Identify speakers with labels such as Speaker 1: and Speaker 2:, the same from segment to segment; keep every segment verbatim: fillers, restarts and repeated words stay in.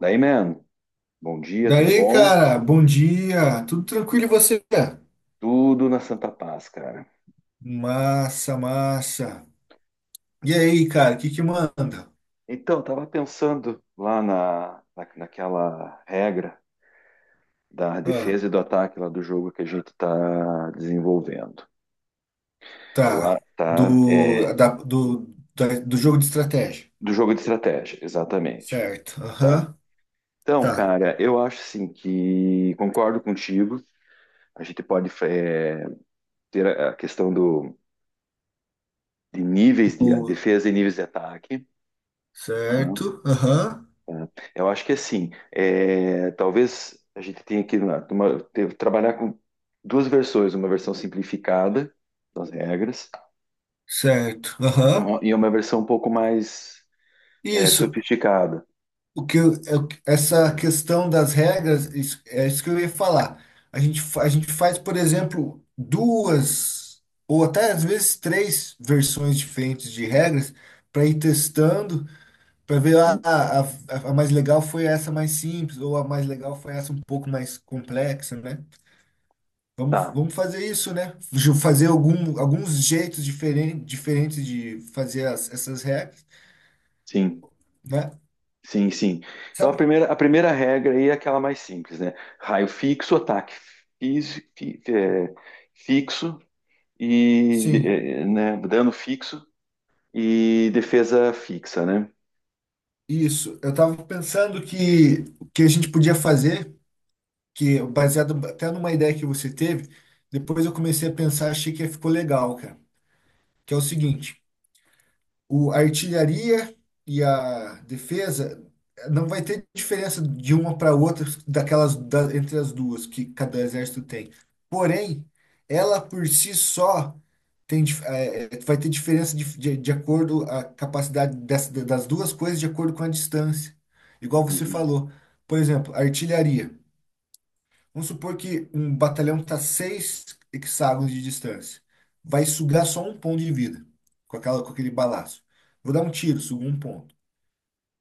Speaker 1: Daí, man, bom dia, tudo
Speaker 2: Daí,
Speaker 1: bom?
Speaker 2: cara, bom dia. Tudo tranquilo e você?
Speaker 1: Tudo na Santa Paz, cara.
Speaker 2: Massa, massa. E aí, cara, o que que manda?
Speaker 1: Então, eu tava pensando lá na, na- naquela regra da
Speaker 2: Ah,
Speaker 1: defesa e do ataque lá do jogo que a gente tá desenvolvendo. Eu
Speaker 2: tá.
Speaker 1: a- tá
Speaker 2: Do,
Speaker 1: é,
Speaker 2: da- do, da- do jogo de estratégia.
Speaker 1: do jogo de estratégia, exatamente,
Speaker 2: Certo.
Speaker 1: tá?
Speaker 2: Aham.
Speaker 1: Então,
Speaker 2: Tá.
Speaker 1: cara, eu acho assim que concordo contigo. A gente pode é, ter a a questão do de níveis de a
Speaker 2: Do,
Speaker 1: defesa e níveis de ataque, tá?
Speaker 2: certo. Aham.
Speaker 1: Tá? Eu acho que assim, é, talvez a gente tenha que na- uma- ter- trabalhar com duas versões, uma versão simplificada das regras
Speaker 2: Certo.
Speaker 1: e
Speaker 2: Aham.
Speaker 1: uma, e uma versão um pouco mais é,
Speaker 2: Isso.
Speaker 1: sofisticada.
Speaker 2: O que eu- eu- essa questão das regras, isso- é isso que eu ia falar. A gente, fa- a gente faz, por exemplo, duas ou até às vezes três versões diferentes de regras para ir testando, para ver ah,
Speaker 1: Uhum.
Speaker 2: a, a, a mais legal foi essa mais simples, ou a mais legal foi essa um pouco mais complexa, né? Vamos,
Speaker 1: Tá,
Speaker 2: vamos fazer isso, né? Ju- Fazer algum, alguns jeitos diferen, diferentes de fazer as- essas regras,
Speaker 1: sim,
Speaker 2: né?
Speaker 1: sim, sim. Então a
Speaker 2: Sabe?
Speaker 1: primeira, a primeira regra aí é aquela mais simples, né? Raio fixo, ataque fis- fi- é, fixo e
Speaker 2: Sim.
Speaker 1: é, né, dano fixo e defesa fixa, né?
Speaker 2: Isso, eu estava pensando que o que a gente podia fazer, que baseado até numa ideia que você teve, depois eu comecei a pensar, achei que ficou legal, cara. Que é o seguinte, o, a artilharia e a defesa não vai ter diferença de uma para outra daquelas da- entre as duas que cada exército tem. Porém, ela por si só tem, dif- é, é, vai ter diferença de, de, de acordo a capacidade dessa, das duas coisas de acordo com a distância. Igual você
Speaker 1: Uhum.
Speaker 2: falou, por exemplo, a artilharia. Vamos supor que um batalhão está seis hexágonos de distância. Vai sugar só um ponto de vida com aquela, com aquele balaço. Vou dar um tiro, sugo um ponto.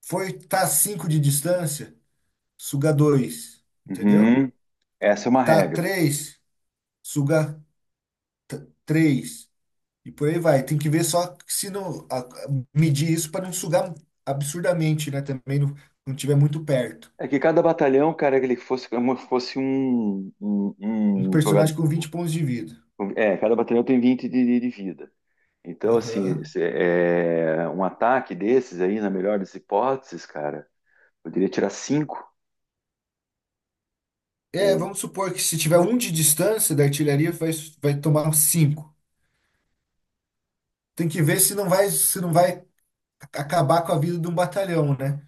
Speaker 2: Foi, tá a cinco de distância, suga dois. Entendeu?
Speaker 1: Uhum. Essa é uma
Speaker 2: Tá a
Speaker 1: regra.
Speaker 2: três, suga três. E por aí vai. Tem que ver só se não a- a- medir isso para não sugar absurdamente, né? Também não, não tiver muito perto.
Speaker 1: É que cada batalhão, cara, ele fosse como se fosse um, um,
Speaker 2: Um
Speaker 1: um jogador.
Speaker 2: personagem com vinte pontos de vida.
Speaker 1: É, cada batalhão tem vinte de, de- de vida. Então, assim,
Speaker 2: Aham.
Speaker 1: se- é, um ataque desses aí, na melhor das hipóteses, cara, poderia tirar cinco.
Speaker 2: É,
Speaker 1: Ou...
Speaker 2: vamos supor que se tiver um de distância da artilharia, vai, vai tomar cinco. Tem que ver se não vai, se não vai acabar com a vida de um batalhão, né?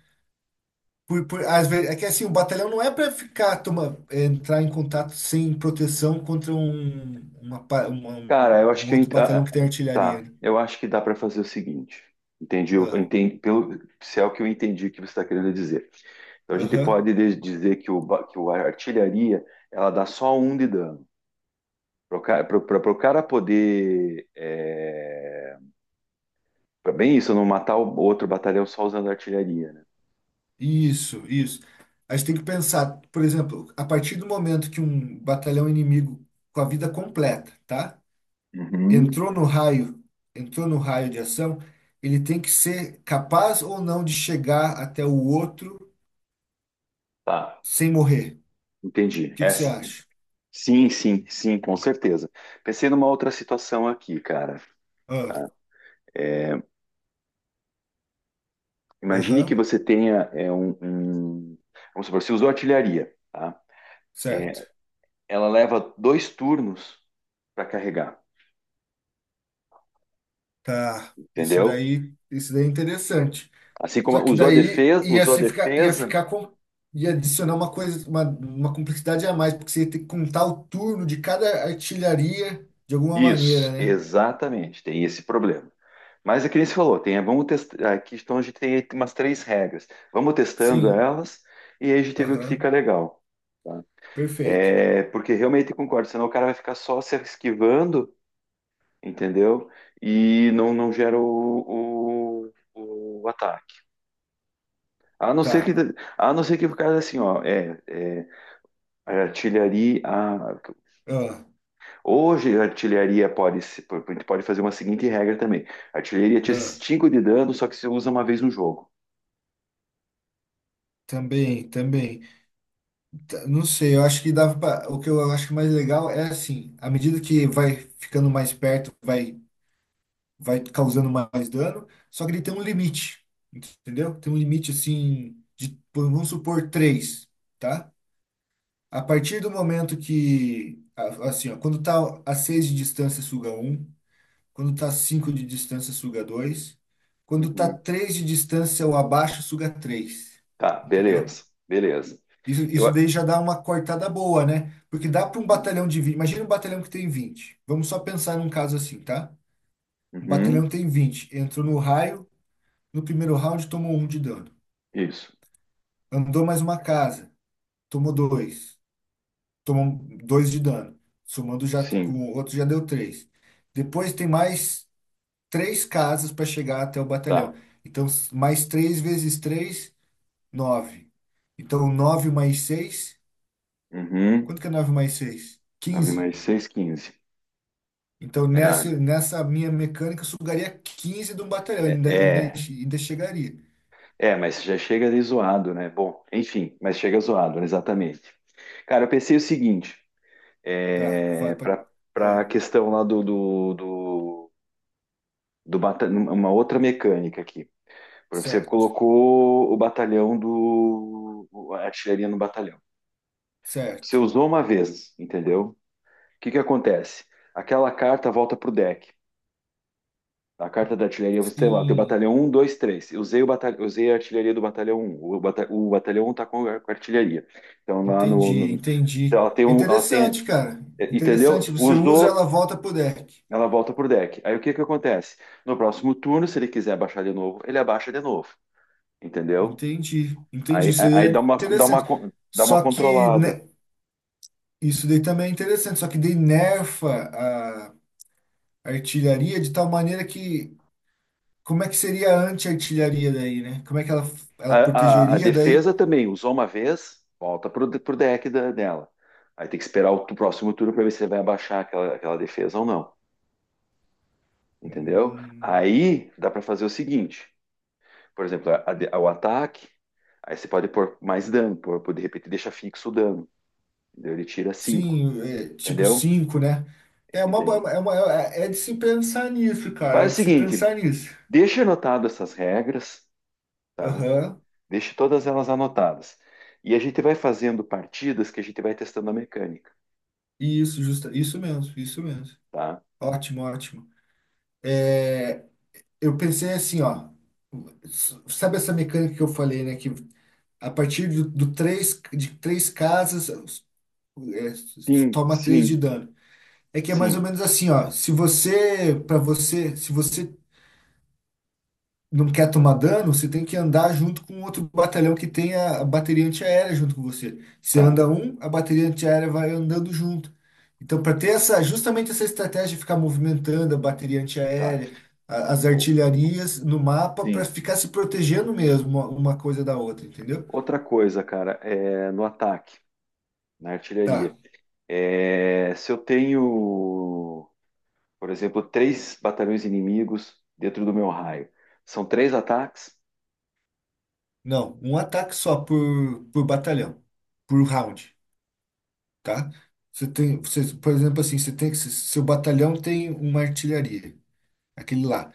Speaker 2: Por, por, às vezes, é que assim, o batalhão não é para ficar, toma, é, entrar em contato sem proteção contra um, uma, pa- uma- um
Speaker 1: Cara, eu acho
Speaker 2: um
Speaker 1: que. Eu
Speaker 2: outro
Speaker 1: ent-
Speaker 2: batalhão
Speaker 1: ah,
Speaker 2: que tem
Speaker 1: ah, tá,
Speaker 2: artilharia, né?
Speaker 1: eu acho que dá para fazer o seguinte. Entendi, eu
Speaker 2: Ah,
Speaker 1: entendi, pelo, se é o que eu entendi que você está querendo dizer. Então, a gente
Speaker 2: aham.
Speaker 1: pode de- dizer que, o, ba- que o- a artilharia, ela dá só um de dano. Para o cara poder. É, é bem isso, não matar o outro batalhão só usando artilharia, né?
Speaker 2: Isso, isso. A gente tem que pensar, por exemplo, a partir do momento que um batalhão inimigo com a vida completa, tá?
Speaker 1: Uhum.
Speaker 2: entrou no raio, entrou no raio de ação, ele tem que ser capaz ou não de chegar até o outro
Speaker 1: Tá,
Speaker 2: sem morrer.
Speaker 1: entendi.
Speaker 2: O que que você
Speaker 1: Essa.
Speaker 2: acha?
Speaker 1: Sim, sim, sim, com certeza. Pensei numa outra situação aqui, cara.
Speaker 2: Ah,
Speaker 1: Tá? Imagine que
Speaker 2: aham,
Speaker 1: você tenha é, um, um- vamos supor, você usou artilharia, tá?
Speaker 2: certo.
Speaker 1: Ela leva dois turnos para carregar,
Speaker 2: Tá. Isso
Speaker 1: entendeu?
Speaker 2: daí, isso daí é interessante.
Speaker 1: Assim
Speaker 2: Só
Speaker 1: como
Speaker 2: que
Speaker 1: usou a
Speaker 2: daí
Speaker 1: defesa,
Speaker 2: ia
Speaker 1: usou a
Speaker 2: se ficar, ia
Speaker 1: defesa.
Speaker 2: ficar com, ia adicionar uma coisa, uma, uma complexidade a mais, porque você ia ter que contar o turno de cada artilharia de alguma maneira,
Speaker 1: Isso,
Speaker 2: né?
Speaker 1: exatamente, tem esse problema. Mas é que nem você falou, tem, vamos testar. Aqui então a gente tem umas três regras. Vamos testando
Speaker 2: Sim.
Speaker 1: elas e aí a gente vê o que fica
Speaker 2: Aham,
Speaker 1: legal. Tá?
Speaker 2: perfeito.
Speaker 1: É, porque realmente concordo, senão o cara vai ficar só se esquivando, entendeu? E não, não gera o, o, o ataque. A não ser
Speaker 2: Tá.
Speaker 1: que, a não ser que o cara assim, ó, é, é a artilharia. A-
Speaker 2: Ah,
Speaker 1: hoje a artilharia pode, se- a gente pode fazer uma seguinte regra também: a artilharia tinha
Speaker 2: ah,
Speaker 1: cinco de dano, só que se usa uma vez no jogo.
Speaker 2: também, também. Tá, não sei, eu acho que dava pra, o que eu acho que mais legal é assim, à medida que vai ficando mais perto, vai vai causando mais dano, só que ele tem um limite, entendeu? Tem um limite assim de, pô, vamos supor, três, tá? A partir do momento que a- assim, ó, quando tá a seis de distância suga um, quando tá a cinco de distância suga dois, quando tá
Speaker 1: Uhum.
Speaker 2: três de distância ou abaixo suga três,
Speaker 1: Tá,
Speaker 2: entendeu?
Speaker 1: beleza, beleza.
Speaker 2: Isso,
Speaker 1: Eu...
Speaker 2: isso daí já dá uma cortada boa, né? Porque dá para um batalhão de vinte. Imagina um batalhão que tem vinte. Vamos só pensar num caso assim, tá? Um
Speaker 1: Uhum,
Speaker 2: batalhão tem vinte. Entrou no raio, no primeiro round tomou um de dano.
Speaker 1: isso,
Speaker 2: Andou mais uma casa, tomou dois. Tomou dois de dano. Somando já com
Speaker 1: sim,
Speaker 2: o outro já deu três. Depois tem mais três casas para chegar até o
Speaker 1: tá.
Speaker 2: batalhão. Então, mais três vezes três, nove. Então, nove mais seis.
Speaker 1: Uhum,
Speaker 2: Quanto que é nove mais seis?
Speaker 1: nove
Speaker 2: Quinze.
Speaker 1: mais seis, quinze.
Speaker 2: Então,
Speaker 1: É,
Speaker 2: nessa, nessa minha mecânica, eu sugaria quinze de um batalhão,
Speaker 1: é,
Speaker 2: ainda, ainda,
Speaker 1: é,
Speaker 2: ainda chegaria.
Speaker 1: é, mas já chega ali zoado, né? Bom, enfim, mas chega zoado, né? Exatamente. Cara, eu pensei o seguinte,
Speaker 2: Tá, fa-
Speaker 1: é,
Speaker 2: pa-
Speaker 1: para para a
Speaker 2: ah,
Speaker 1: questão lá do, do, do, do bata- uma outra mecânica aqui. Por exemplo, você
Speaker 2: Certo,
Speaker 1: colocou o batalhão do, a artilharia no batalhão. Você
Speaker 2: certo.
Speaker 1: usou uma vez, entendeu? O que que acontece? Aquela carta volta para o deck. A carta da artilharia, você tem lá, tem o
Speaker 2: Sim,
Speaker 1: batalhão um, dois, três. Eu usei, o batalhão, usei a artilharia do batalhão um. O, bata- o batalhão um está com a artilharia. Então, lá no,
Speaker 2: entendi,
Speaker 1: no- então,
Speaker 2: entendi.
Speaker 1: ela tem
Speaker 2: É
Speaker 1: um. Ela tem,
Speaker 2: interessante, cara.
Speaker 1: é,
Speaker 2: Interessante.
Speaker 1: entendeu?
Speaker 2: Você usa, ela
Speaker 1: Usou,
Speaker 2: volta pro deck.
Speaker 1: ela volta pro deck. Aí o que que acontece? No próximo turno, se ele quiser abaixar de novo, ele abaixa de novo. Entendeu?
Speaker 2: Entendi, entendi.
Speaker 1: Aí,
Speaker 2: Isso aí
Speaker 1: aí
Speaker 2: é
Speaker 1: dá uma, dá
Speaker 2: interessante.
Speaker 1: uma, dá uma
Speaker 2: Só que,
Speaker 1: controlada.
Speaker 2: né, isso daí também é interessante, só que daí nerfa a artilharia de tal maneira que. Como é que seria a anti-artilharia daí, né? Como é que ela,
Speaker 1: A,
Speaker 2: ela
Speaker 1: a- a
Speaker 2: protegeria daí?
Speaker 1: defesa também usou uma vez, volta pro, de- pro deck da- dela. Aí tem que esperar o, tu- próximo turno para ver se ele vai abaixar aquela, aquela defesa ou não. Entendeu?
Speaker 2: Hum,
Speaker 1: Aí dá para fazer o seguinte: por exemplo, a- a de- o ataque, aí você pode pôr mais dano, pôr, pôr- de repente deixa fixo o dano. Entendeu? Ele tira cinco.
Speaker 2: sim, é, tipo
Speaker 1: Entendeu?
Speaker 2: cinco, né? É uma,
Speaker 1: Entendeu?
Speaker 2: boa- é uma, é é de se pensar nisso, cara. É
Speaker 1: Faz o
Speaker 2: de se
Speaker 1: seguinte:
Speaker 2: pensar nisso.
Speaker 1: deixa anotado essas regras, tá?
Speaker 2: Aham.
Speaker 1: Deixa todas elas anotadas. E a gente vai fazendo partidas que a gente vai testando a mecânica,
Speaker 2: Isso, justa, isso mesmo, isso mesmo.
Speaker 1: tá?
Speaker 2: Ótimo, ótimo. Eu pensei assim, ó. S- Sabe essa mecânica que eu falei, né? Que a partir do, do três, de três casas, é,
Speaker 1: Sim,
Speaker 2: toma três de
Speaker 1: sim.
Speaker 2: dano. É que é mais ou
Speaker 1: Sim,
Speaker 2: menos assim, ó. Se você, para você, se você não quer tomar dano, você tem que andar junto com outro batalhão que tem a, a bateria antiaérea junto com você. Você
Speaker 1: tá,
Speaker 2: anda um, a bateria antiaérea vai andando junto. Então, para ter essa, justamente essa estratégia de ficar movimentando a bateria
Speaker 1: tá.
Speaker 2: antiaérea, a- as
Speaker 1: O-
Speaker 2: artilharias no mapa, para
Speaker 1: Sim.
Speaker 2: ficar se protegendo mesmo uma, uma coisa da outra, entendeu?
Speaker 1: Outra coisa, cara, é no ataque, na
Speaker 2: Tá.
Speaker 1: artilharia. É, se eu tenho, por exemplo, três batalhões inimigos dentro do meu raio, são três ataques?
Speaker 2: Não, um ataque só por, por batalhão, por round, tá? Você tem, você, por exemplo, assim, você tem que, seu batalhão tem uma artilharia, aquele lá.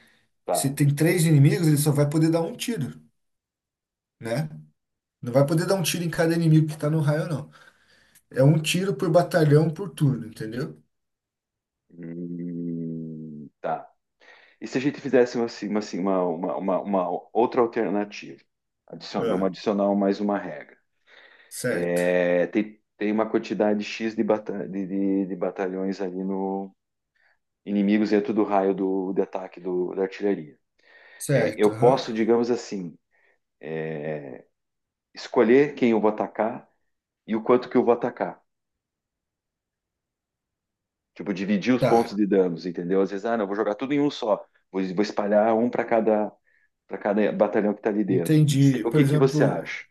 Speaker 2: Você
Speaker 1: Tá.
Speaker 2: tem três inimigos, ele só vai poder dar um tiro, né? Não vai poder dar um tiro em cada inimigo que tá no raio, não. É um tiro por batalhão por turno, entendeu?
Speaker 1: Hum, tá. E se a gente fizesse uma, assim, uma, assim, uma, uma, uma- uma outra alternativa? Adicion- vamos
Speaker 2: Ah,
Speaker 1: adicionar mais uma regra.
Speaker 2: certo,
Speaker 1: É, tem, tem uma quantidade X de, bata- de, de- de batalhões ali inimigos dentro do raio do, de ataque do, da artilharia. É,
Speaker 2: certo,
Speaker 1: eu
Speaker 2: aham.
Speaker 1: posso, digamos assim, escolher quem eu vou atacar e o quanto que eu vou atacar. Tipo, dividir os
Speaker 2: Tá,
Speaker 1: pontos de danos, entendeu? Às vezes, ah, não, vou jogar tudo em um só. Vou, vou espalhar um para cada, para cada batalhão que está ali dentro. O que, que,
Speaker 2: entendi.
Speaker 1: o
Speaker 2: Por
Speaker 1: que que você
Speaker 2: exemplo.
Speaker 1: acha?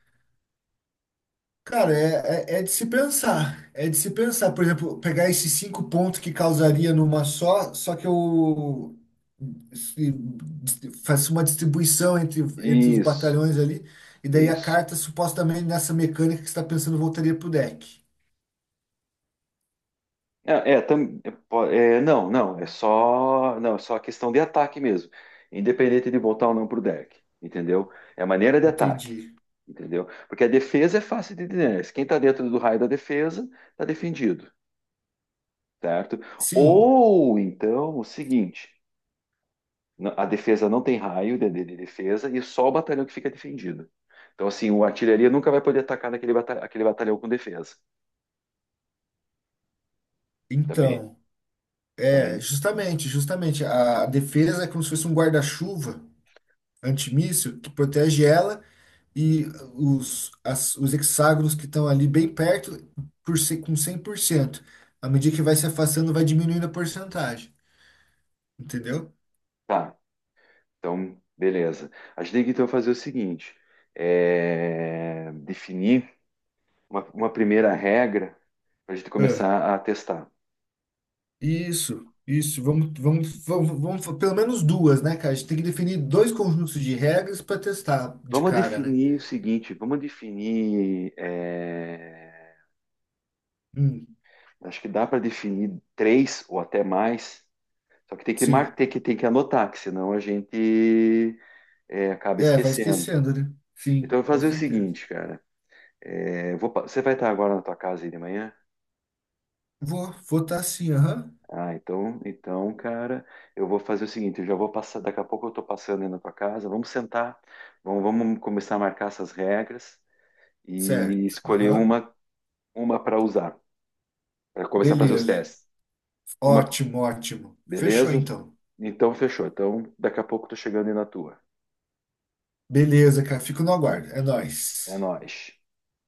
Speaker 2: Cara, é, é, é de se pensar. É de se pensar. Por exemplo, pegar esses cinco pontos que causaria numa só, só que eu se- faço uma distribuição entre, entre os
Speaker 1: Isso,
Speaker 2: batalhões ali, e daí a
Speaker 1: isso.
Speaker 2: carta supostamente nessa mecânica que você está pensando voltaria pro deck.
Speaker 1: É, é, tam- é, po- é, não, não, é só, não, é só a questão de ataque mesmo, independente de voltar ou não pro deck, entendeu? É a maneira de ataque,
Speaker 2: Entendi.
Speaker 1: entendeu? Porque a defesa é fácil de entender. Quem tá dentro do raio da defesa tá defendido, certo?
Speaker 2: Sim,
Speaker 1: Ou então o seguinte, n- a defesa não tem raio de, de- de defesa e só o batalhão que fica defendido. Então assim, o artilharia nunca vai poder atacar naquele bata- aquele batalhão com defesa. Também,
Speaker 2: então, é,
Speaker 1: também,
Speaker 2: justamente, justamente, a, defesa é como se fosse um guarda-chuva antimíssil que protege ela e os, as- os hexágonos que estão ali bem perto por ser com cem por cento. À medida que vai se afastando, vai diminuindo a porcentagem, entendeu?
Speaker 1: tá. Então, beleza. A gente tem que então fazer o seguinte: é, definir uma, uma primeira regra para a gente
Speaker 2: Ah,
Speaker 1: começar a testar.
Speaker 2: isso, isso. Vamos, vamos, vamos, vamos, fa- pelo menos duas, né, cara? A gente tem que definir dois conjuntos de regras para testar de
Speaker 1: Vamos
Speaker 2: cara, né?
Speaker 1: definir o seguinte: vamos definir. é,
Speaker 2: Hum,
Speaker 1: acho que dá para definir três ou até mais. Só que tem que mar-
Speaker 2: sim.
Speaker 1: tem que tem que anotar, que senão a gente é, acaba
Speaker 2: É, vai
Speaker 1: esquecendo.
Speaker 2: esquecendo, né? Sim,
Speaker 1: Então, eu vou
Speaker 2: com
Speaker 1: fazer o
Speaker 2: certeza.
Speaker 1: seguinte, cara. É, eu vou pa- você vai estar agora na tua casa aí de manhã?
Speaker 2: Vou votar sim, aham.
Speaker 1: Ah, então, então, cara, eu vou fazer o seguinte, eu já vou passar, daqui a pouco eu tô passando aí na tua casa, vamos sentar, vamos, vamos começar a marcar essas regras e
Speaker 2: Certo,
Speaker 1: escolher
Speaker 2: aham.
Speaker 1: uma, uma para usar, para começar a fazer os
Speaker 2: Beleza.
Speaker 1: testes. Uma,
Speaker 2: Ótimo, ótimo. Fechou
Speaker 1: Beleza?
Speaker 2: então.
Speaker 1: Então, fechou. Então, daqui a pouco eu tô chegando aí na tua.
Speaker 2: Beleza, cara. Fico no aguardo. É
Speaker 1: É
Speaker 2: nóis.
Speaker 1: nóis.